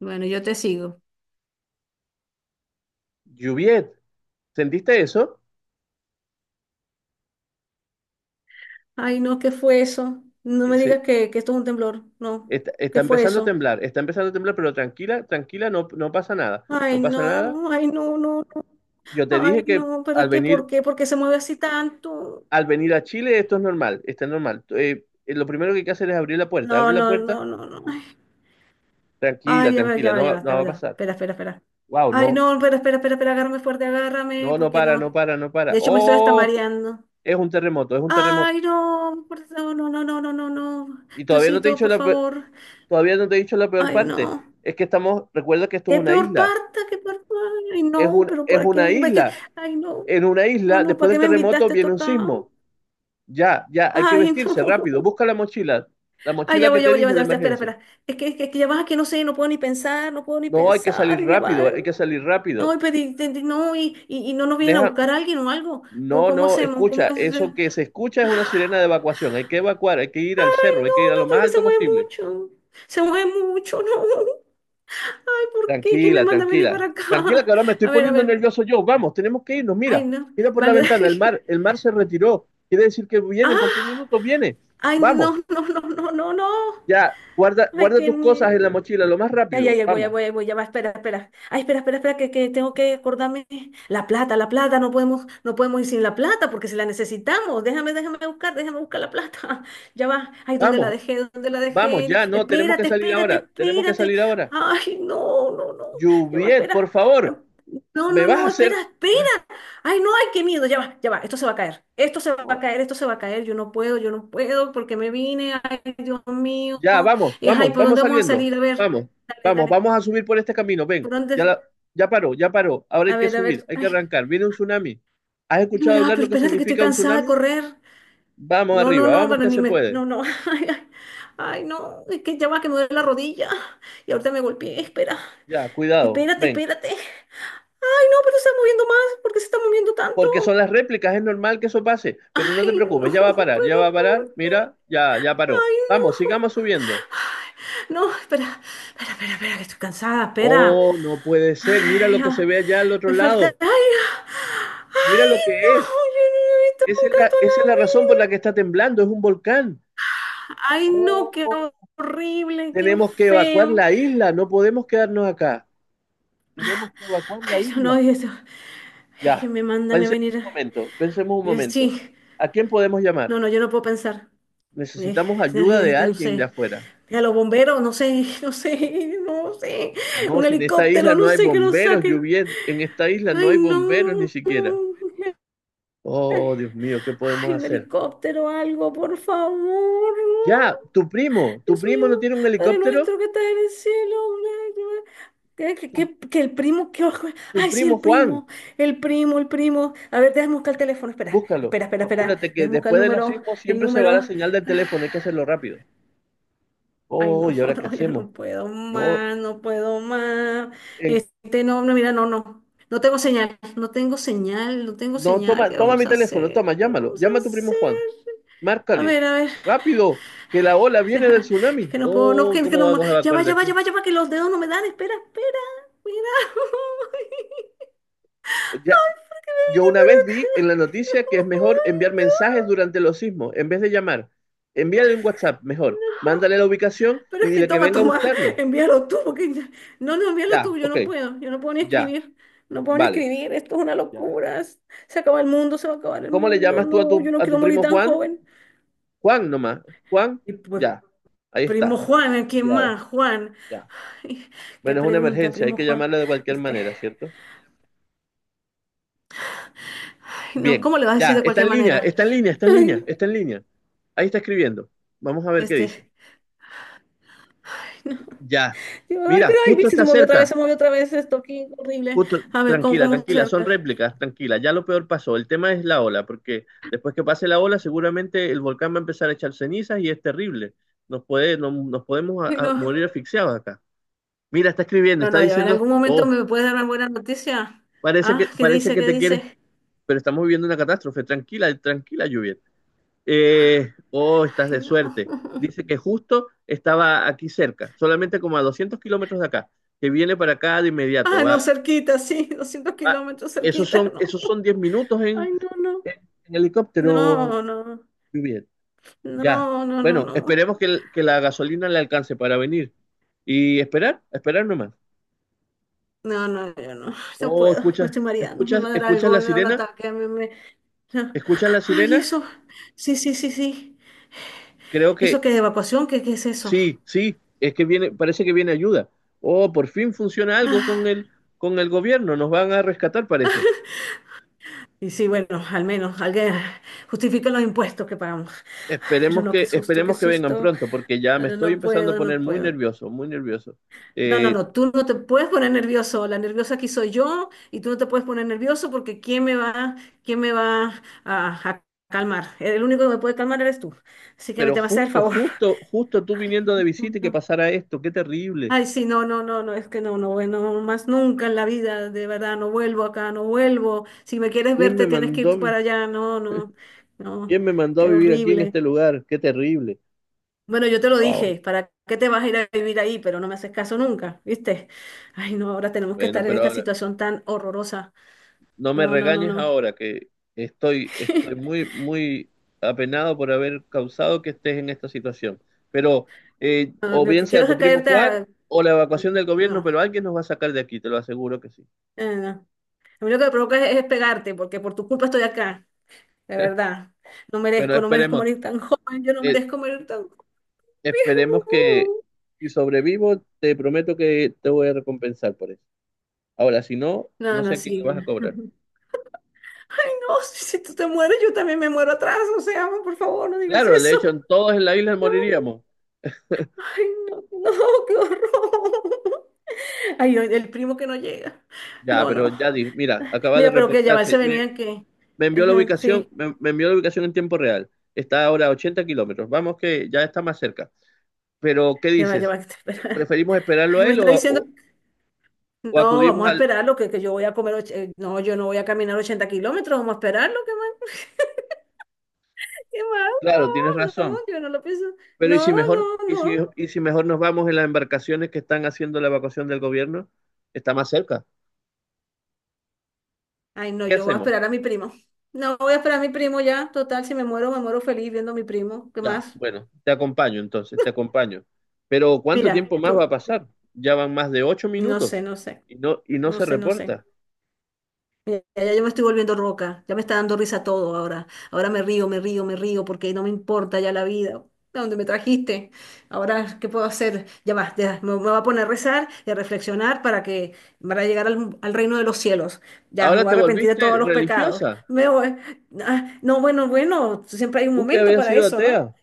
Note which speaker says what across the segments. Speaker 1: Bueno, yo te sigo.
Speaker 2: Juviet, ¿sentiste eso?
Speaker 1: Ay, no, ¿qué fue eso? No me
Speaker 2: Sí.
Speaker 1: digas que esto es un temblor. No,
Speaker 2: Está
Speaker 1: ¿qué fue
Speaker 2: empezando a
Speaker 1: eso?
Speaker 2: temblar, está empezando a temblar, pero tranquila, tranquila, no, no pasa nada, no pasa nada.
Speaker 1: Ay, no, no, no.
Speaker 2: Yo te
Speaker 1: Ay,
Speaker 2: dije que
Speaker 1: no, pero es
Speaker 2: al
Speaker 1: que ¿por
Speaker 2: venir,
Speaker 1: qué? ¿Por qué se mueve así tanto?
Speaker 2: al venir a Chile esto es normal, está normal. Lo primero que hay que hacer es abrir la puerta,
Speaker 1: No,
Speaker 2: abre la
Speaker 1: no,
Speaker 2: puerta,
Speaker 1: no, no, no. Ay,
Speaker 2: tranquila,
Speaker 1: ay, ya va,
Speaker 2: tranquila,
Speaker 1: ya va,
Speaker 2: no,
Speaker 1: ya va,
Speaker 2: no
Speaker 1: ya
Speaker 2: va
Speaker 1: va,
Speaker 2: a
Speaker 1: ya va.
Speaker 2: pasar.
Speaker 1: Espera, espera, espera.
Speaker 2: Wow,
Speaker 1: Ay,
Speaker 2: no,
Speaker 1: no, espera, espera, espera, espera, agárrame fuerte, agárrame,
Speaker 2: no, no
Speaker 1: porque
Speaker 2: para, no
Speaker 1: no.
Speaker 2: para, no para.
Speaker 1: De hecho, me estoy hasta
Speaker 2: Oh,
Speaker 1: mareando.
Speaker 2: es un terremoto, es un terremoto.
Speaker 1: Ay, no, no, no, no, no, no, no, no.
Speaker 2: Y todavía no te he
Speaker 1: Diosito,
Speaker 2: dicho
Speaker 1: por
Speaker 2: la peor-
Speaker 1: favor.
Speaker 2: Todavía no te he dicho la peor
Speaker 1: Ay,
Speaker 2: parte.
Speaker 1: no.
Speaker 2: Es que estamos, recuerda que esto es
Speaker 1: ¿Qué
Speaker 2: una
Speaker 1: peor
Speaker 2: isla,
Speaker 1: parte? ¿Qué peor parta? Ay, no, pero
Speaker 2: es
Speaker 1: ¿para
Speaker 2: una
Speaker 1: qué? ¿Para qué?
Speaker 2: isla.
Speaker 1: Ay, no,
Speaker 2: En una
Speaker 1: no,
Speaker 2: isla,
Speaker 1: no, ¿para
Speaker 2: después
Speaker 1: qué
Speaker 2: del
Speaker 1: me
Speaker 2: terremoto
Speaker 1: invitaste tú
Speaker 2: viene un
Speaker 1: acá?
Speaker 2: sismo. Ya, ya, hay que
Speaker 1: Ay,
Speaker 2: vestirse
Speaker 1: no.
Speaker 2: rápido. Busca la
Speaker 1: Ay,
Speaker 2: mochila
Speaker 1: ya
Speaker 2: que
Speaker 1: voy, ya
Speaker 2: te
Speaker 1: voy, ya
Speaker 2: dije
Speaker 1: voy,
Speaker 2: de
Speaker 1: ya, ya, espera,
Speaker 2: emergencia.
Speaker 1: espera. Es que ya vas, que no sé, no puedo ni pensar, no puedo ni
Speaker 2: No, hay que salir
Speaker 1: pensar, ya va.
Speaker 2: rápido, hay que salir
Speaker 1: No,
Speaker 2: rápido.
Speaker 1: pero no, y no nos vienen a
Speaker 2: Deja,
Speaker 1: buscar a alguien o algo. ¿Cómo,
Speaker 2: no,
Speaker 1: cómo
Speaker 2: no,
Speaker 1: hacemos? ¿Cómo
Speaker 2: escucha,
Speaker 1: es? Ay,
Speaker 2: eso que se escucha es una sirena de evacuación. Hay que evacuar, hay que ir al cerro, hay que ir
Speaker 1: no,
Speaker 2: a lo
Speaker 1: no,
Speaker 2: más
Speaker 1: porque se
Speaker 2: alto
Speaker 1: mueve
Speaker 2: posible.
Speaker 1: mucho. Se mueve mucho, no. Ay, ¿por qué? ¿Quién me
Speaker 2: Tranquila,
Speaker 1: manda a venir
Speaker 2: tranquila.
Speaker 1: para
Speaker 2: Tranquila que
Speaker 1: acá?
Speaker 2: ahora me estoy
Speaker 1: A ver, a
Speaker 2: poniendo
Speaker 1: ver.
Speaker 2: nervioso yo. Vamos, tenemos que irnos.
Speaker 1: Ay,
Speaker 2: Mira,
Speaker 1: no.
Speaker 2: mira por la
Speaker 1: Vale,
Speaker 2: ventana,
Speaker 1: dale.
Speaker 2: el mar se retiró. Quiere decir que viene en cualquier
Speaker 1: Ah.
Speaker 2: minuto, viene.
Speaker 1: Ay,
Speaker 2: Vamos.
Speaker 1: no, no, no, no, no, no.
Speaker 2: Ya, guarda,
Speaker 1: Ay,
Speaker 2: guarda
Speaker 1: qué
Speaker 2: tus cosas
Speaker 1: miedo.
Speaker 2: en la mochila, lo más
Speaker 1: Ay,
Speaker 2: rápido.
Speaker 1: ay, ay, voy, ay,
Speaker 2: Vamos,
Speaker 1: voy, ay, voy, ya va, espera, espera. Ay, espera, espera, espera, que tengo que acordarme. La plata, no podemos, no podemos ir sin la plata porque si la necesitamos. Déjame, déjame buscar la plata. Ya va. Ay, ¿dónde la
Speaker 2: vamos,
Speaker 1: dejé? ¿Dónde la
Speaker 2: vamos,
Speaker 1: dejé?
Speaker 2: ya, no, tenemos que
Speaker 1: Espérate,
Speaker 2: salir
Speaker 1: espérate,
Speaker 2: ahora, tenemos que
Speaker 1: espérate.
Speaker 2: salir ahora.
Speaker 1: Ay, no, no, no. Ya va,
Speaker 2: Juviet,
Speaker 1: espera.
Speaker 2: por favor,
Speaker 1: No,
Speaker 2: me
Speaker 1: no,
Speaker 2: vas a
Speaker 1: no, espera,
Speaker 2: hacer.
Speaker 1: espera. Ay, no, ay, qué miedo. Ya va, ya va. Esto se va a caer. Esto se va a
Speaker 2: No,
Speaker 1: caer, esto se va a caer. Yo no puedo porque me vine. Ay, Dios mío.
Speaker 2: ya, vamos,
Speaker 1: Y, ay,
Speaker 2: vamos,
Speaker 1: ¿por
Speaker 2: vamos
Speaker 1: dónde vamos a
Speaker 2: saliendo.
Speaker 1: salir? A ver.
Speaker 2: Vamos,
Speaker 1: Dale,
Speaker 2: vamos,
Speaker 1: dale.
Speaker 2: vamos a subir por este camino. Ven,
Speaker 1: ¿Por dónde?
Speaker 2: ya, ya paró, ya paró. Ahora
Speaker 1: A
Speaker 2: hay que
Speaker 1: ver, a
Speaker 2: subir,
Speaker 1: ver.
Speaker 2: hay que
Speaker 1: Ay,
Speaker 2: arrancar. Viene un tsunami. ¿Has
Speaker 1: ay, no,
Speaker 2: escuchado
Speaker 1: ya,
Speaker 2: hablar
Speaker 1: pero
Speaker 2: lo que
Speaker 1: espérate que estoy
Speaker 2: significa un
Speaker 1: cansada de
Speaker 2: tsunami?
Speaker 1: correr.
Speaker 2: Vamos
Speaker 1: No, no,
Speaker 2: arriba,
Speaker 1: no,
Speaker 2: vamos
Speaker 1: pero
Speaker 2: que
Speaker 1: ni
Speaker 2: se
Speaker 1: me.
Speaker 2: puede.
Speaker 1: No, no. Ay, ay, ay, no. Es que ya va que me duele la rodilla. Y ahorita me golpeé. Espera.
Speaker 2: Ya, cuidado,
Speaker 1: Espérate,
Speaker 2: ven.
Speaker 1: espérate. Ay, no, pero se está moviendo más. ¿Por qué se está moviendo
Speaker 2: Porque son
Speaker 1: tanto?
Speaker 2: las réplicas, es normal que eso pase, pero no te
Speaker 1: Ay, no,
Speaker 2: preocupes, ya va a parar, ya va a
Speaker 1: pero
Speaker 2: parar,
Speaker 1: ¿por qué?
Speaker 2: mira, ya, ya paró.
Speaker 1: Ay,
Speaker 2: Vamos,
Speaker 1: no.
Speaker 2: sigamos subiendo.
Speaker 1: No, espera, espera, espera, espera, que estoy cansada, espera.
Speaker 2: Oh, no puede ser, mira lo
Speaker 1: Ay,
Speaker 2: que se
Speaker 1: ah,
Speaker 2: ve allá al otro
Speaker 1: me falta.
Speaker 2: lado,
Speaker 1: Ay, ah,
Speaker 2: mira lo
Speaker 1: ay,
Speaker 2: que
Speaker 1: no,
Speaker 2: es.
Speaker 1: yo no he visto
Speaker 2: Esa es
Speaker 1: nunca esto
Speaker 2: la,
Speaker 1: en
Speaker 2: esa es la razón por
Speaker 1: la
Speaker 2: la que
Speaker 1: vida.
Speaker 2: está temblando, es un volcán.
Speaker 1: Ay, no, qué
Speaker 2: Oh,
Speaker 1: horrible, qué
Speaker 2: tenemos que evacuar
Speaker 1: feo.
Speaker 2: la isla, no podemos quedarnos acá. Tenemos que evacuar la
Speaker 1: Ay, no,
Speaker 2: isla.
Speaker 1: no, y eso. Ay, que
Speaker 2: Ya,
Speaker 1: me manda a mí a
Speaker 2: pensemos
Speaker 1: venir.
Speaker 2: un momento, pensemos un momento.
Speaker 1: Sí,
Speaker 2: ¿A quién podemos llamar?
Speaker 1: no, no, yo no puedo pensar. Eh,
Speaker 2: Necesitamos
Speaker 1: no,
Speaker 2: ayuda de
Speaker 1: yo no
Speaker 2: alguien de
Speaker 1: sé.
Speaker 2: afuera.
Speaker 1: A los bomberos, no sé, no sé, no sé.
Speaker 2: No,
Speaker 1: Un
Speaker 2: si en esta isla
Speaker 1: helicóptero,
Speaker 2: no
Speaker 1: no
Speaker 2: hay
Speaker 1: sé que lo
Speaker 2: bomberos,
Speaker 1: saque.
Speaker 2: Juviet, en esta isla no
Speaker 1: Ay,
Speaker 2: hay
Speaker 1: no,
Speaker 2: bomberos ni siquiera.
Speaker 1: no.
Speaker 2: Oh, Dios mío, ¿qué podemos
Speaker 1: Ay, un
Speaker 2: hacer?
Speaker 1: helicóptero, algo, por favor.
Speaker 2: Ya,
Speaker 1: No.
Speaker 2: tu primo, tu
Speaker 1: Dios mío,
Speaker 2: primo no tiene un
Speaker 1: Padre
Speaker 2: helicóptero,
Speaker 1: nuestro que estás en el cielo. Que,
Speaker 2: tu,
Speaker 1: que el primo, que
Speaker 2: tu
Speaker 1: ay, sí,
Speaker 2: primo
Speaker 1: el
Speaker 2: Juan,
Speaker 1: primo, el primo, el primo. A ver, déjame buscar el teléfono, espera,
Speaker 2: búscalo.
Speaker 1: espera, espera, espera,
Speaker 2: Apúrate que
Speaker 1: déjame buscar el
Speaker 2: después de los
Speaker 1: número,
Speaker 2: sismos
Speaker 1: el
Speaker 2: siempre se va
Speaker 1: número.
Speaker 2: la señal del teléfono, hay que hacerlo rápido.
Speaker 1: Ay, no,
Speaker 2: Oh, ¿y ahora qué
Speaker 1: no, yo
Speaker 2: hacemos?
Speaker 1: no puedo
Speaker 2: No,
Speaker 1: más, no puedo más.
Speaker 2: en-
Speaker 1: Este, no, no, mira, no, no, no tengo señal, no tengo señal, no tengo
Speaker 2: no,
Speaker 1: señal.
Speaker 2: toma,
Speaker 1: ¿Qué
Speaker 2: toma mi
Speaker 1: vamos a
Speaker 2: teléfono, toma,
Speaker 1: hacer? ¿Qué
Speaker 2: llámalo,
Speaker 1: vamos a
Speaker 2: llama a tu primo
Speaker 1: hacer?
Speaker 2: Juan,
Speaker 1: A
Speaker 2: márcale,
Speaker 1: ver, a ver.
Speaker 2: rápido, que la ola
Speaker 1: Ya
Speaker 2: viene del
Speaker 1: va, es
Speaker 2: tsunami.
Speaker 1: que no puedo, no,
Speaker 2: Oh,
Speaker 1: que
Speaker 2: ¿cómo
Speaker 1: no,
Speaker 2: vamos a
Speaker 1: ya va,
Speaker 2: evacuar de
Speaker 1: ya va, ya
Speaker 2: aquí?
Speaker 1: va, ya va, que los dedos no me dan, espera, espera, mira.
Speaker 2: Ya,
Speaker 1: Ay, ¿por qué me
Speaker 2: yo
Speaker 1: vine
Speaker 2: una
Speaker 1: para
Speaker 2: vez
Speaker 1: acá?
Speaker 2: vi en la noticia que es mejor
Speaker 1: Ay,
Speaker 2: enviar mensajes
Speaker 1: no,
Speaker 2: durante los sismos en vez de llamar. Envíale un WhatsApp, mejor.
Speaker 1: no.
Speaker 2: Mándale la ubicación
Speaker 1: Pero
Speaker 2: y
Speaker 1: es que
Speaker 2: dile que
Speaker 1: toma,
Speaker 2: venga a
Speaker 1: toma,
Speaker 2: buscarnos.
Speaker 1: envíalo tú, porque no, no, envíalo
Speaker 2: Ya,
Speaker 1: tú,
Speaker 2: ok,
Speaker 1: yo no puedo ni
Speaker 2: ya,
Speaker 1: escribir, no puedo ni
Speaker 2: vale.
Speaker 1: escribir, esto es una
Speaker 2: Ya.
Speaker 1: locura, se acaba el mundo, se va a acabar el
Speaker 2: ¿Cómo le
Speaker 1: mundo,
Speaker 2: llamas tú
Speaker 1: no, yo no
Speaker 2: a tu
Speaker 1: quiero morir
Speaker 2: primo
Speaker 1: tan
Speaker 2: Juan?
Speaker 1: joven.
Speaker 2: Juan nomás. Juan,
Speaker 1: Y pues,
Speaker 2: ya. Ahí
Speaker 1: primo
Speaker 2: está.
Speaker 1: Juan, ¿a ¿quién
Speaker 2: Enviado,
Speaker 1: más? Juan,
Speaker 2: ya.
Speaker 1: ay, qué
Speaker 2: Bueno, es una
Speaker 1: pregunta,
Speaker 2: emergencia, hay
Speaker 1: primo
Speaker 2: que
Speaker 1: Juan,
Speaker 2: llamarlo de cualquier
Speaker 1: este.
Speaker 2: manera, ¿cierto?
Speaker 1: Ay, no,
Speaker 2: Bien,
Speaker 1: ¿cómo le vas a decir
Speaker 2: ya,
Speaker 1: de
Speaker 2: está
Speaker 1: cualquier
Speaker 2: en línea,
Speaker 1: manera?
Speaker 2: está en línea, está en línea,
Speaker 1: Ay,
Speaker 2: está en línea. Ahí está escribiendo. Vamos a ver qué dice.
Speaker 1: este, ay, no.
Speaker 2: Ya.
Speaker 1: Yo, ay,
Speaker 2: Mira,
Speaker 1: pero ay,
Speaker 2: justo
Speaker 1: viste,
Speaker 2: está
Speaker 1: se movió otra vez,
Speaker 2: cerca.
Speaker 1: se movió otra vez esto aquí, horrible.
Speaker 2: Justo,
Speaker 1: A ver, ¿cómo,
Speaker 2: tranquila,
Speaker 1: cómo
Speaker 2: tranquila, son
Speaker 1: cerca?
Speaker 2: réplicas, tranquila, ya lo peor pasó. El tema es la ola, porque después que pase la ola, seguramente el volcán va a empezar a echar cenizas y es terrible. Nos puede, no- Nos podemos
Speaker 1: Ay, no,
Speaker 2: morir asfixiados acá. Mira, está escribiendo,
Speaker 1: no,
Speaker 2: está
Speaker 1: no, ya en
Speaker 2: diciendo,
Speaker 1: algún momento
Speaker 2: oh,
Speaker 1: me puedes dar una buena noticia.
Speaker 2: parece que,
Speaker 1: Ah, ¿qué
Speaker 2: parece
Speaker 1: dice?
Speaker 2: que
Speaker 1: ¿Qué
Speaker 2: te quieres,
Speaker 1: dice?
Speaker 2: pero estamos viviendo una catástrofe. Tranquila, tranquila, lluvia. Oh, estás
Speaker 1: Ay,
Speaker 2: de
Speaker 1: no.
Speaker 2: suerte. Dice que justo estaba aquí cerca, solamente como a 200 kilómetros de acá, que viene para acá de inmediato.
Speaker 1: Ah, no,
Speaker 2: Va,
Speaker 1: cerquita, sí, 200
Speaker 2: va,
Speaker 1: kilómetros
Speaker 2: esos
Speaker 1: cerquita,
Speaker 2: son,
Speaker 1: no.
Speaker 2: esos son 10 minutos
Speaker 1: Ay, no, no.
Speaker 2: En en
Speaker 1: No,
Speaker 2: helicóptero,
Speaker 1: no, no,
Speaker 2: muy bien. Ya.
Speaker 1: no, no,
Speaker 2: Bueno,
Speaker 1: no.
Speaker 2: esperemos que, que la gasolina le alcance para venir. Y esperar, esperar nomás.
Speaker 1: No, no, yo no, no
Speaker 2: Oh,
Speaker 1: puedo, me
Speaker 2: escuchas,
Speaker 1: estoy mareando, me
Speaker 2: escuchas,
Speaker 1: va a dar
Speaker 2: escuchas la
Speaker 1: algo, me da un
Speaker 2: sirena,
Speaker 1: ataque,
Speaker 2: escuchas la
Speaker 1: Ay,
Speaker 2: sirena.
Speaker 1: eso. Sí, sí, sí, sí.
Speaker 2: Creo
Speaker 1: ¿Eso
Speaker 2: que
Speaker 1: qué de evacuación? ¿Qué, qué es eso?
Speaker 2: sí, sí, es que viene, parece que viene ayuda. Oh, por fin funciona algo con
Speaker 1: Ah,
Speaker 2: el gobierno, nos van a rescatar, parece.
Speaker 1: y sí, bueno, al menos alguien justifica los impuestos que pagamos. Ay, pero
Speaker 2: Esperemos
Speaker 1: no, qué
Speaker 2: que,
Speaker 1: susto, qué
Speaker 2: esperemos que vengan
Speaker 1: susto.
Speaker 2: pronto, porque ya me estoy
Speaker 1: No
Speaker 2: empezando a
Speaker 1: puedo, no
Speaker 2: poner muy
Speaker 1: puedo.
Speaker 2: nervioso, muy nervioso.
Speaker 1: No, no,
Speaker 2: Eh,
Speaker 1: no, tú no te puedes poner nervioso. La nerviosa aquí soy yo y tú no te puedes poner nervioso porque quién me va a calmar? El único que me puede calmar eres tú. Así que me
Speaker 2: Pero
Speaker 1: te vas a hacer el
Speaker 2: justo,
Speaker 1: favor.
Speaker 2: justo, justo tú viniendo de visita y que pasara esto, qué terrible.
Speaker 1: Ay, sí, no, no, no, no, es que no, no, bueno, más nunca en la vida, de verdad, no vuelvo acá, no vuelvo. Si me quieres
Speaker 2: ¿Quién
Speaker 1: ver,
Speaker 2: me
Speaker 1: te tienes que ir
Speaker 2: mandó,
Speaker 1: tú
Speaker 2: vi-
Speaker 1: para allá, no, no, no,
Speaker 2: quién me mandó a
Speaker 1: qué
Speaker 2: vivir aquí en
Speaker 1: horrible.
Speaker 2: este lugar? Qué terrible.
Speaker 1: Bueno, yo te lo
Speaker 2: Wow.
Speaker 1: dije, ¿para qué te vas a ir a vivir ahí? Pero no me haces caso nunca, ¿viste? Ay, no, ahora tenemos que
Speaker 2: Bueno,
Speaker 1: estar en
Speaker 2: pero
Speaker 1: esta
Speaker 2: ahora,
Speaker 1: situación tan horrorosa.
Speaker 2: no me
Speaker 1: No, no, no,
Speaker 2: regañes
Speaker 1: no.
Speaker 2: ahora que estoy muy, muy apenado por haber causado que estés en esta situación. Pero
Speaker 1: No,
Speaker 2: o
Speaker 1: lo
Speaker 2: bien
Speaker 1: que
Speaker 2: sea
Speaker 1: quiero
Speaker 2: tu
Speaker 1: es
Speaker 2: primo
Speaker 1: caerte
Speaker 2: Juan
Speaker 1: a...
Speaker 2: o la evacuación del gobierno,
Speaker 1: No,
Speaker 2: pero alguien nos va a sacar de aquí, te lo aseguro que sí.
Speaker 1: no. A mí lo que me provoca es pegarte, porque por tu culpa estoy acá, de verdad. No
Speaker 2: Bueno,
Speaker 1: merezco, no merezco
Speaker 2: esperemos.
Speaker 1: morir tan joven, yo no
Speaker 2: Eh,
Speaker 1: merezco morir tan
Speaker 2: Esperemos que si sobrevivo, te prometo que te voy a recompensar por eso. Ahora, si no,
Speaker 1: no, no,
Speaker 2: no
Speaker 1: no,
Speaker 2: sé a quién le
Speaker 1: sí.
Speaker 2: vas a cobrar.
Speaker 1: Ay, no, si, si tú te mueres, yo también me muero atrás. O sea, amor, por favor, no digas
Speaker 2: Claro, de
Speaker 1: eso.
Speaker 2: hecho, en todos en la isla
Speaker 1: No,
Speaker 2: moriríamos.
Speaker 1: ay, no, no, qué horror. Ay, el primo que no llega.
Speaker 2: Ya,
Speaker 1: No,
Speaker 2: pero
Speaker 1: no.
Speaker 2: ya di, mira, acaba de
Speaker 1: Mira, pero que ya va, se
Speaker 2: reportarse. Me,
Speaker 1: venían que.
Speaker 2: me envió la
Speaker 1: Ajá,
Speaker 2: ubicación,
Speaker 1: sí,
Speaker 2: me envió la ubicación en tiempo real. Está ahora a 80 kilómetros. Vamos que ya está más cerca. Pero, ¿qué
Speaker 1: ya va, ya
Speaker 2: dices?
Speaker 1: va. Espera.
Speaker 2: ¿Preferimos esperarlo
Speaker 1: Ay,
Speaker 2: a
Speaker 1: me
Speaker 2: él
Speaker 1: está
Speaker 2: o,
Speaker 1: diciendo,
Speaker 2: o- o
Speaker 1: no,
Speaker 2: acudimos
Speaker 1: vamos a
Speaker 2: al...
Speaker 1: esperarlo, que yo voy a comer. No, yo no voy a caminar 80 kilómetros, vamos a esperarlo, qué más, qué más.
Speaker 2: Claro, tienes
Speaker 1: No, no,
Speaker 2: razón.
Speaker 1: yo no lo pienso.
Speaker 2: Pero ¿y
Speaker 1: No,
Speaker 2: si mejor,
Speaker 1: no,
Speaker 2: y si,
Speaker 1: no.
Speaker 2: y si mejor nos vamos en las embarcaciones que están haciendo la evacuación del gobierno? Está más cerca.
Speaker 1: Ay, no,
Speaker 2: ¿Qué
Speaker 1: yo voy a
Speaker 2: hacemos?
Speaker 1: esperar a mi primo. No, voy a esperar a mi primo ya. Total, si me muero, me muero feliz viendo a mi primo. ¿Qué
Speaker 2: Ya,
Speaker 1: más?
Speaker 2: bueno, te acompaño entonces, te acompaño. Pero ¿cuánto
Speaker 1: Mira,
Speaker 2: tiempo más va a
Speaker 1: tú.
Speaker 2: pasar? Ya van más de ocho
Speaker 1: No
Speaker 2: minutos
Speaker 1: sé, no sé.
Speaker 2: y no
Speaker 1: No
Speaker 2: se
Speaker 1: sé, no sé.
Speaker 2: reporta.
Speaker 1: Mira, ya yo me estoy volviendo roca. Ya me está dando risa todo ahora. Ahora me río, me río, me río porque no me importa ya la vida. ¿A dónde me trajiste? Ahora, ¿qué puedo hacer? Ya va, ya, me voy a poner a rezar y a reflexionar para que para llegar al, al reino de los cielos. Ya, me
Speaker 2: Ahora
Speaker 1: voy a
Speaker 2: te
Speaker 1: arrepentir de todos
Speaker 2: volviste
Speaker 1: los pecados.
Speaker 2: religiosa.
Speaker 1: Me voy. Ah, no, bueno, bueno, siempre hay un
Speaker 2: Tú que
Speaker 1: momento
Speaker 2: habías
Speaker 1: para
Speaker 2: sido
Speaker 1: eso, ¿no?
Speaker 2: atea.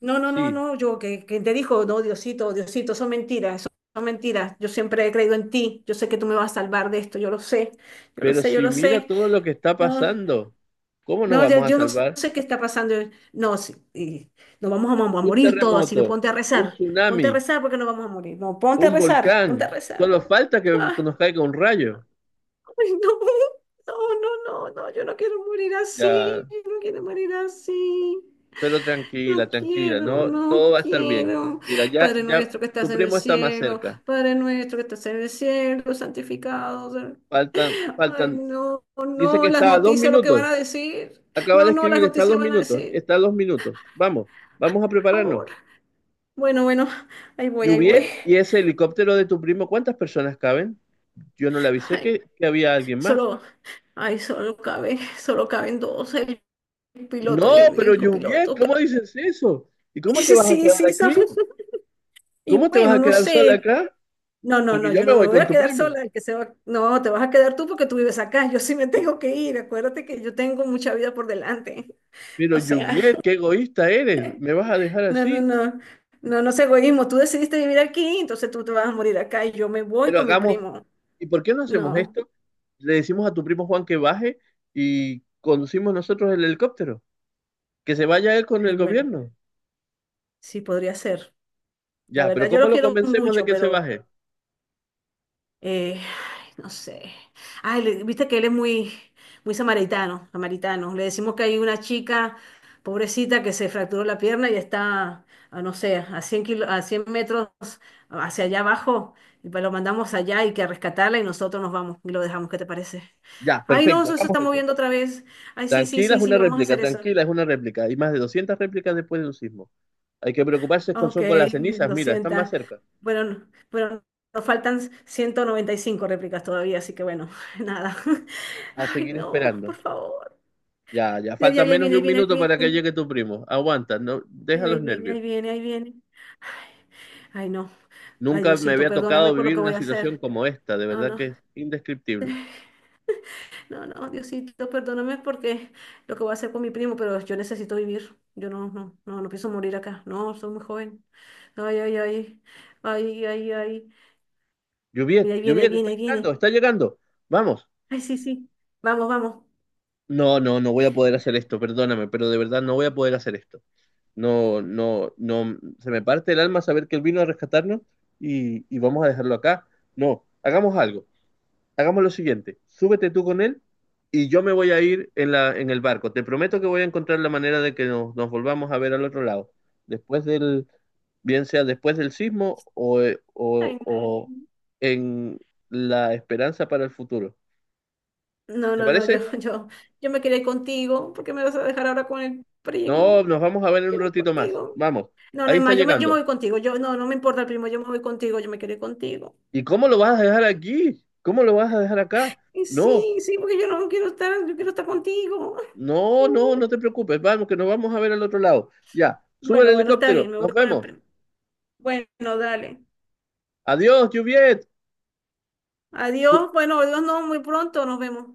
Speaker 1: No, no, no,
Speaker 2: Sí,
Speaker 1: no, yo que te dijo, no, Diosito, Diosito, son mentiras, son mentiras. Yo siempre he creído en ti, yo sé que tú me vas a salvar de esto, yo lo sé, yo lo
Speaker 2: pero
Speaker 1: sé, yo
Speaker 2: si
Speaker 1: lo
Speaker 2: mira
Speaker 1: sé.
Speaker 2: todo lo que está
Speaker 1: No,
Speaker 2: pasando, ¿cómo nos
Speaker 1: no,
Speaker 2: vamos a
Speaker 1: yo no
Speaker 2: salvar?
Speaker 1: sé qué está pasando. No, sí, y nos vamos a, a
Speaker 2: Un
Speaker 1: morir todos, así que
Speaker 2: terremoto, un
Speaker 1: ponte
Speaker 2: tsunami,
Speaker 1: a rezar porque nos vamos a morir. No, ponte a
Speaker 2: un
Speaker 1: rezar, ponte a
Speaker 2: volcán.
Speaker 1: rezar.
Speaker 2: Solo falta que
Speaker 1: Ay,
Speaker 2: nos caiga un rayo.
Speaker 1: ay, no, no, no, no, no, yo no quiero morir
Speaker 2: Ya,
Speaker 1: así, no quiero morir así.
Speaker 2: pero tranquila,
Speaker 1: No
Speaker 2: tranquila,
Speaker 1: quiero,
Speaker 2: no,
Speaker 1: no
Speaker 2: todo va a estar bien.
Speaker 1: quiero.
Speaker 2: Mira, ya,
Speaker 1: Padre
Speaker 2: ya,
Speaker 1: nuestro que estás
Speaker 2: tu
Speaker 1: en el
Speaker 2: primo está más
Speaker 1: cielo,
Speaker 2: cerca.
Speaker 1: Padre nuestro que estás en el cielo, santificado sea-
Speaker 2: Faltan,
Speaker 1: Ay,
Speaker 2: faltan,
Speaker 1: no,
Speaker 2: dice que
Speaker 1: no, las
Speaker 2: está a dos
Speaker 1: noticias, lo que van
Speaker 2: minutos.
Speaker 1: a decir.
Speaker 2: Acaba
Speaker 1: No,
Speaker 2: de
Speaker 1: no, las
Speaker 2: escribir, está a
Speaker 1: noticias
Speaker 2: dos
Speaker 1: van a
Speaker 2: minutos,
Speaker 1: decir.
Speaker 2: está a 2 minutos. Vamos, vamos a prepararnos.
Speaker 1: Ahora. Bueno, bueno, ahí voy, ahí voy.
Speaker 2: Juviet y ese helicóptero de tu primo, ¿cuántas personas caben? Yo no le avisé
Speaker 1: Ay,
Speaker 2: que había alguien más.
Speaker 1: solo, ay, solo cabe, solo caben dos, el
Speaker 2: No,
Speaker 1: piloto y
Speaker 2: pero
Speaker 1: el
Speaker 2: Juviet,
Speaker 1: copiloto.
Speaker 2: ¿cómo
Speaker 1: Pero
Speaker 2: dices eso? ¿Y cómo te
Speaker 1: sí,
Speaker 2: vas a
Speaker 1: sí,
Speaker 2: quedar
Speaker 1: sí, solo-
Speaker 2: aquí?
Speaker 1: Y
Speaker 2: ¿Cómo te vas
Speaker 1: bueno,
Speaker 2: a
Speaker 1: no
Speaker 2: quedar sola
Speaker 1: sé.
Speaker 2: acá?
Speaker 1: No, no,
Speaker 2: Porque
Speaker 1: no,
Speaker 2: yo
Speaker 1: yo
Speaker 2: me
Speaker 1: no me
Speaker 2: voy
Speaker 1: voy
Speaker 2: con
Speaker 1: a
Speaker 2: tu
Speaker 1: quedar
Speaker 2: primo.
Speaker 1: sola, el que se va- no, te vas a quedar tú porque tú vives acá, yo sí me tengo que ir, acuérdate que yo tengo mucha vida por delante.
Speaker 2: Pero
Speaker 1: O sea,
Speaker 2: Juviet, qué egoísta eres, me vas a dejar
Speaker 1: no, no,
Speaker 2: así.
Speaker 1: no, no, no es egoísmo, tú decidiste vivir aquí, entonces tú te vas a morir acá y yo me voy
Speaker 2: Pero
Speaker 1: con mi
Speaker 2: hagamos,
Speaker 1: primo.
Speaker 2: ¿Y por qué no hacemos
Speaker 1: No,
Speaker 2: esto? Le decimos a tu primo Juan que baje y conducimos nosotros el helicóptero, que se vaya él con
Speaker 1: ay,
Speaker 2: el
Speaker 1: bueno,
Speaker 2: gobierno.
Speaker 1: sí podría ser. La
Speaker 2: Ya, pero
Speaker 1: verdad, yo
Speaker 2: ¿cómo
Speaker 1: lo
Speaker 2: lo
Speaker 1: quiero
Speaker 2: convencemos de
Speaker 1: mucho,
Speaker 2: que se
Speaker 1: pero
Speaker 2: baje?
Speaker 1: eh, ay, no sé. Ay, viste que él es muy, muy samaritano, samaritano. Le decimos que hay una chica, pobrecita, que se fracturó la pierna y está, a no sé, a a 100 metros hacia allá abajo. Y lo mandamos allá y que a rescatarla y nosotros nos vamos y lo dejamos. ¿Qué te parece?
Speaker 2: Ya,
Speaker 1: Ay, no,
Speaker 2: perfecto,
Speaker 1: eso se
Speaker 2: hagamos
Speaker 1: está
Speaker 2: eso.
Speaker 1: moviendo otra vez. Ay, sí, sí,
Speaker 2: Tranquila es
Speaker 1: sí,
Speaker 2: una
Speaker 1: sí, vamos a
Speaker 2: réplica,
Speaker 1: hacer eso.
Speaker 2: tranquila es una réplica. Hay más de 200 réplicas después de un sismo. Hay que preocuparse
Speaker 1: Ah,
Speaker 2: con,
Speaker 1: ok,
Speaker 2: son con las cenizas,
Speaker 1: lo
Speaker 2: mira, están más
Speaker 1: sienta.
Speaker 2: cerca.
Speaker 1: Bueno, bueno, nos faltan 195 réplicas todavía, así que bueno, nada.
Speaker 2: A
Speaker 1: Ay,
Speaker 2: seguir
Speaker 1: no,
Speaker 2: esperando.
Speaker 1: por favor.
Speaker 2: Ya, ya,
Speaker 1: Ya,
Speaker 2: falta
Speaker 1: ya, ya
Speaker 2: menos
Speaker 1: viene,
Speaker 2: de
Speaker 1: ahí
Speaker 2: un
Speaker 1: viene,
Speaker 2: minuto
Speaker 1: ahí
Speaker 2: para que
Speaker 1: viene.
Speaker 2: llegue tu primo. Aguanta, no, deja
Speaker 1: Ay,
Speaker 2: los
Speaker 1: ahí viene,
Speaker 2: nervios.
Speaker 1: ahí viene, ahí viene. Ay, ay, no. Ay,
Speaker 2: Nunca me
Speaker 1: Diosito,
Speaker 2: había
Speaker 1: perdóname
Speaker 2: tocado
Speaker 1: por lo
Speaker 2: vivir
Speaker 1: que
Speaker 2: una
Speaker 1: voy a
Speaker 2: situación
Speaker 1: hacer.
Speaker 2: como esta, de
Speaker 1: No,
Speaker 2: verdad
Speaker 1: no.
Speaker 2: que es indescriptible.
Speaker 1: No, no, Diosito, perdóname porque lo que voy a hacer con mi primo, pero yo necesito vivir. Yo no, no, no, no pienso morir acá. No, soy muy joven. Ay, ay, ay. Ay, ay, ay.
Speaker 2: Juviet,
Speaker 1: Mira, ahí viene, ahí
Speaker 2: Juviet, está
Speaker 1: viene, ahí viene.
Speaker 2: llegando, está llegando. Vamos.
Speaker 1: Ay, sí, sí. Vamos, vamos.
Speaker 2: No, no, no voy a poder hacer esto, perdóname, pero de verdad no voy a poder hacer esto. No, no, no, se me parte el alma saber que él vino a rescatarnos y vamos a dejarlo acá. No, hagamos algo. Hagamos lo siguiente, súbete tú con él y yo me voy a ir en en el barco. Te prometo que voy a encontrar la manera de que nos volvamos a ver al otro lado, después del, bien sea después del sismo o, eh, o-
Speaker 1: Ay, no.
Speaker 2: o en la esperanza para el futuro.
Speaker 1: No,
Speaker 2: ¿Te
Speaker 1: no, no, yo,
Speaker 2: parece?
Speaker 1: yo me quedé contigo. ¿Porque me vas a dejar ahora con el
Speaker 2: No,
Speaker 1: primo? No,
Speaker 2: nos vamos a
Speaker 1: yo
Speaker 2: ver
Speaker 1: me
Speaker 2: en un
Speaker 1: quedé
Speaker 2: ratito más.
Speaker 1: contigo.
Speaker 2: Vamos,
Speaker 1: No, no,
Speaker 2: ahí
Speaker 1: es
Speaker 2: está
Speaker 1: más, yo me
Speaker 2: llegando.
Speaker 1: voy contigo. Yo, no, no me importa el primo, yo me voy contigo, yo me quedé contigo.
Speaker 2: ¿Y cómo lo vas a dejar aquí? ¿Cómo lo vas a dejar acá?
Speaker 1: Y
Speaker 2: No,
Speaker 1: sí, sí, porque yo no quiero estar, yo quiero estar contigo.
Speaker 2: no, no, no te preocupes. Vamos, que nos vamos a ver al otro lado. Ya, sube el
Speaker 1: Bueno, bueno, está bien,
Speaker 2: helicóptero.
Speaker 1: me
Speaker 2: Nos
Speaker 1: voy con el
Speaker 2: vemos.
Speaker 1: primo. Bueno, dale.
Speaker 2: Adiós, Juviet.
Speaker 1: Adiós. Bueno, adiós, no, muy pronto nos vemos.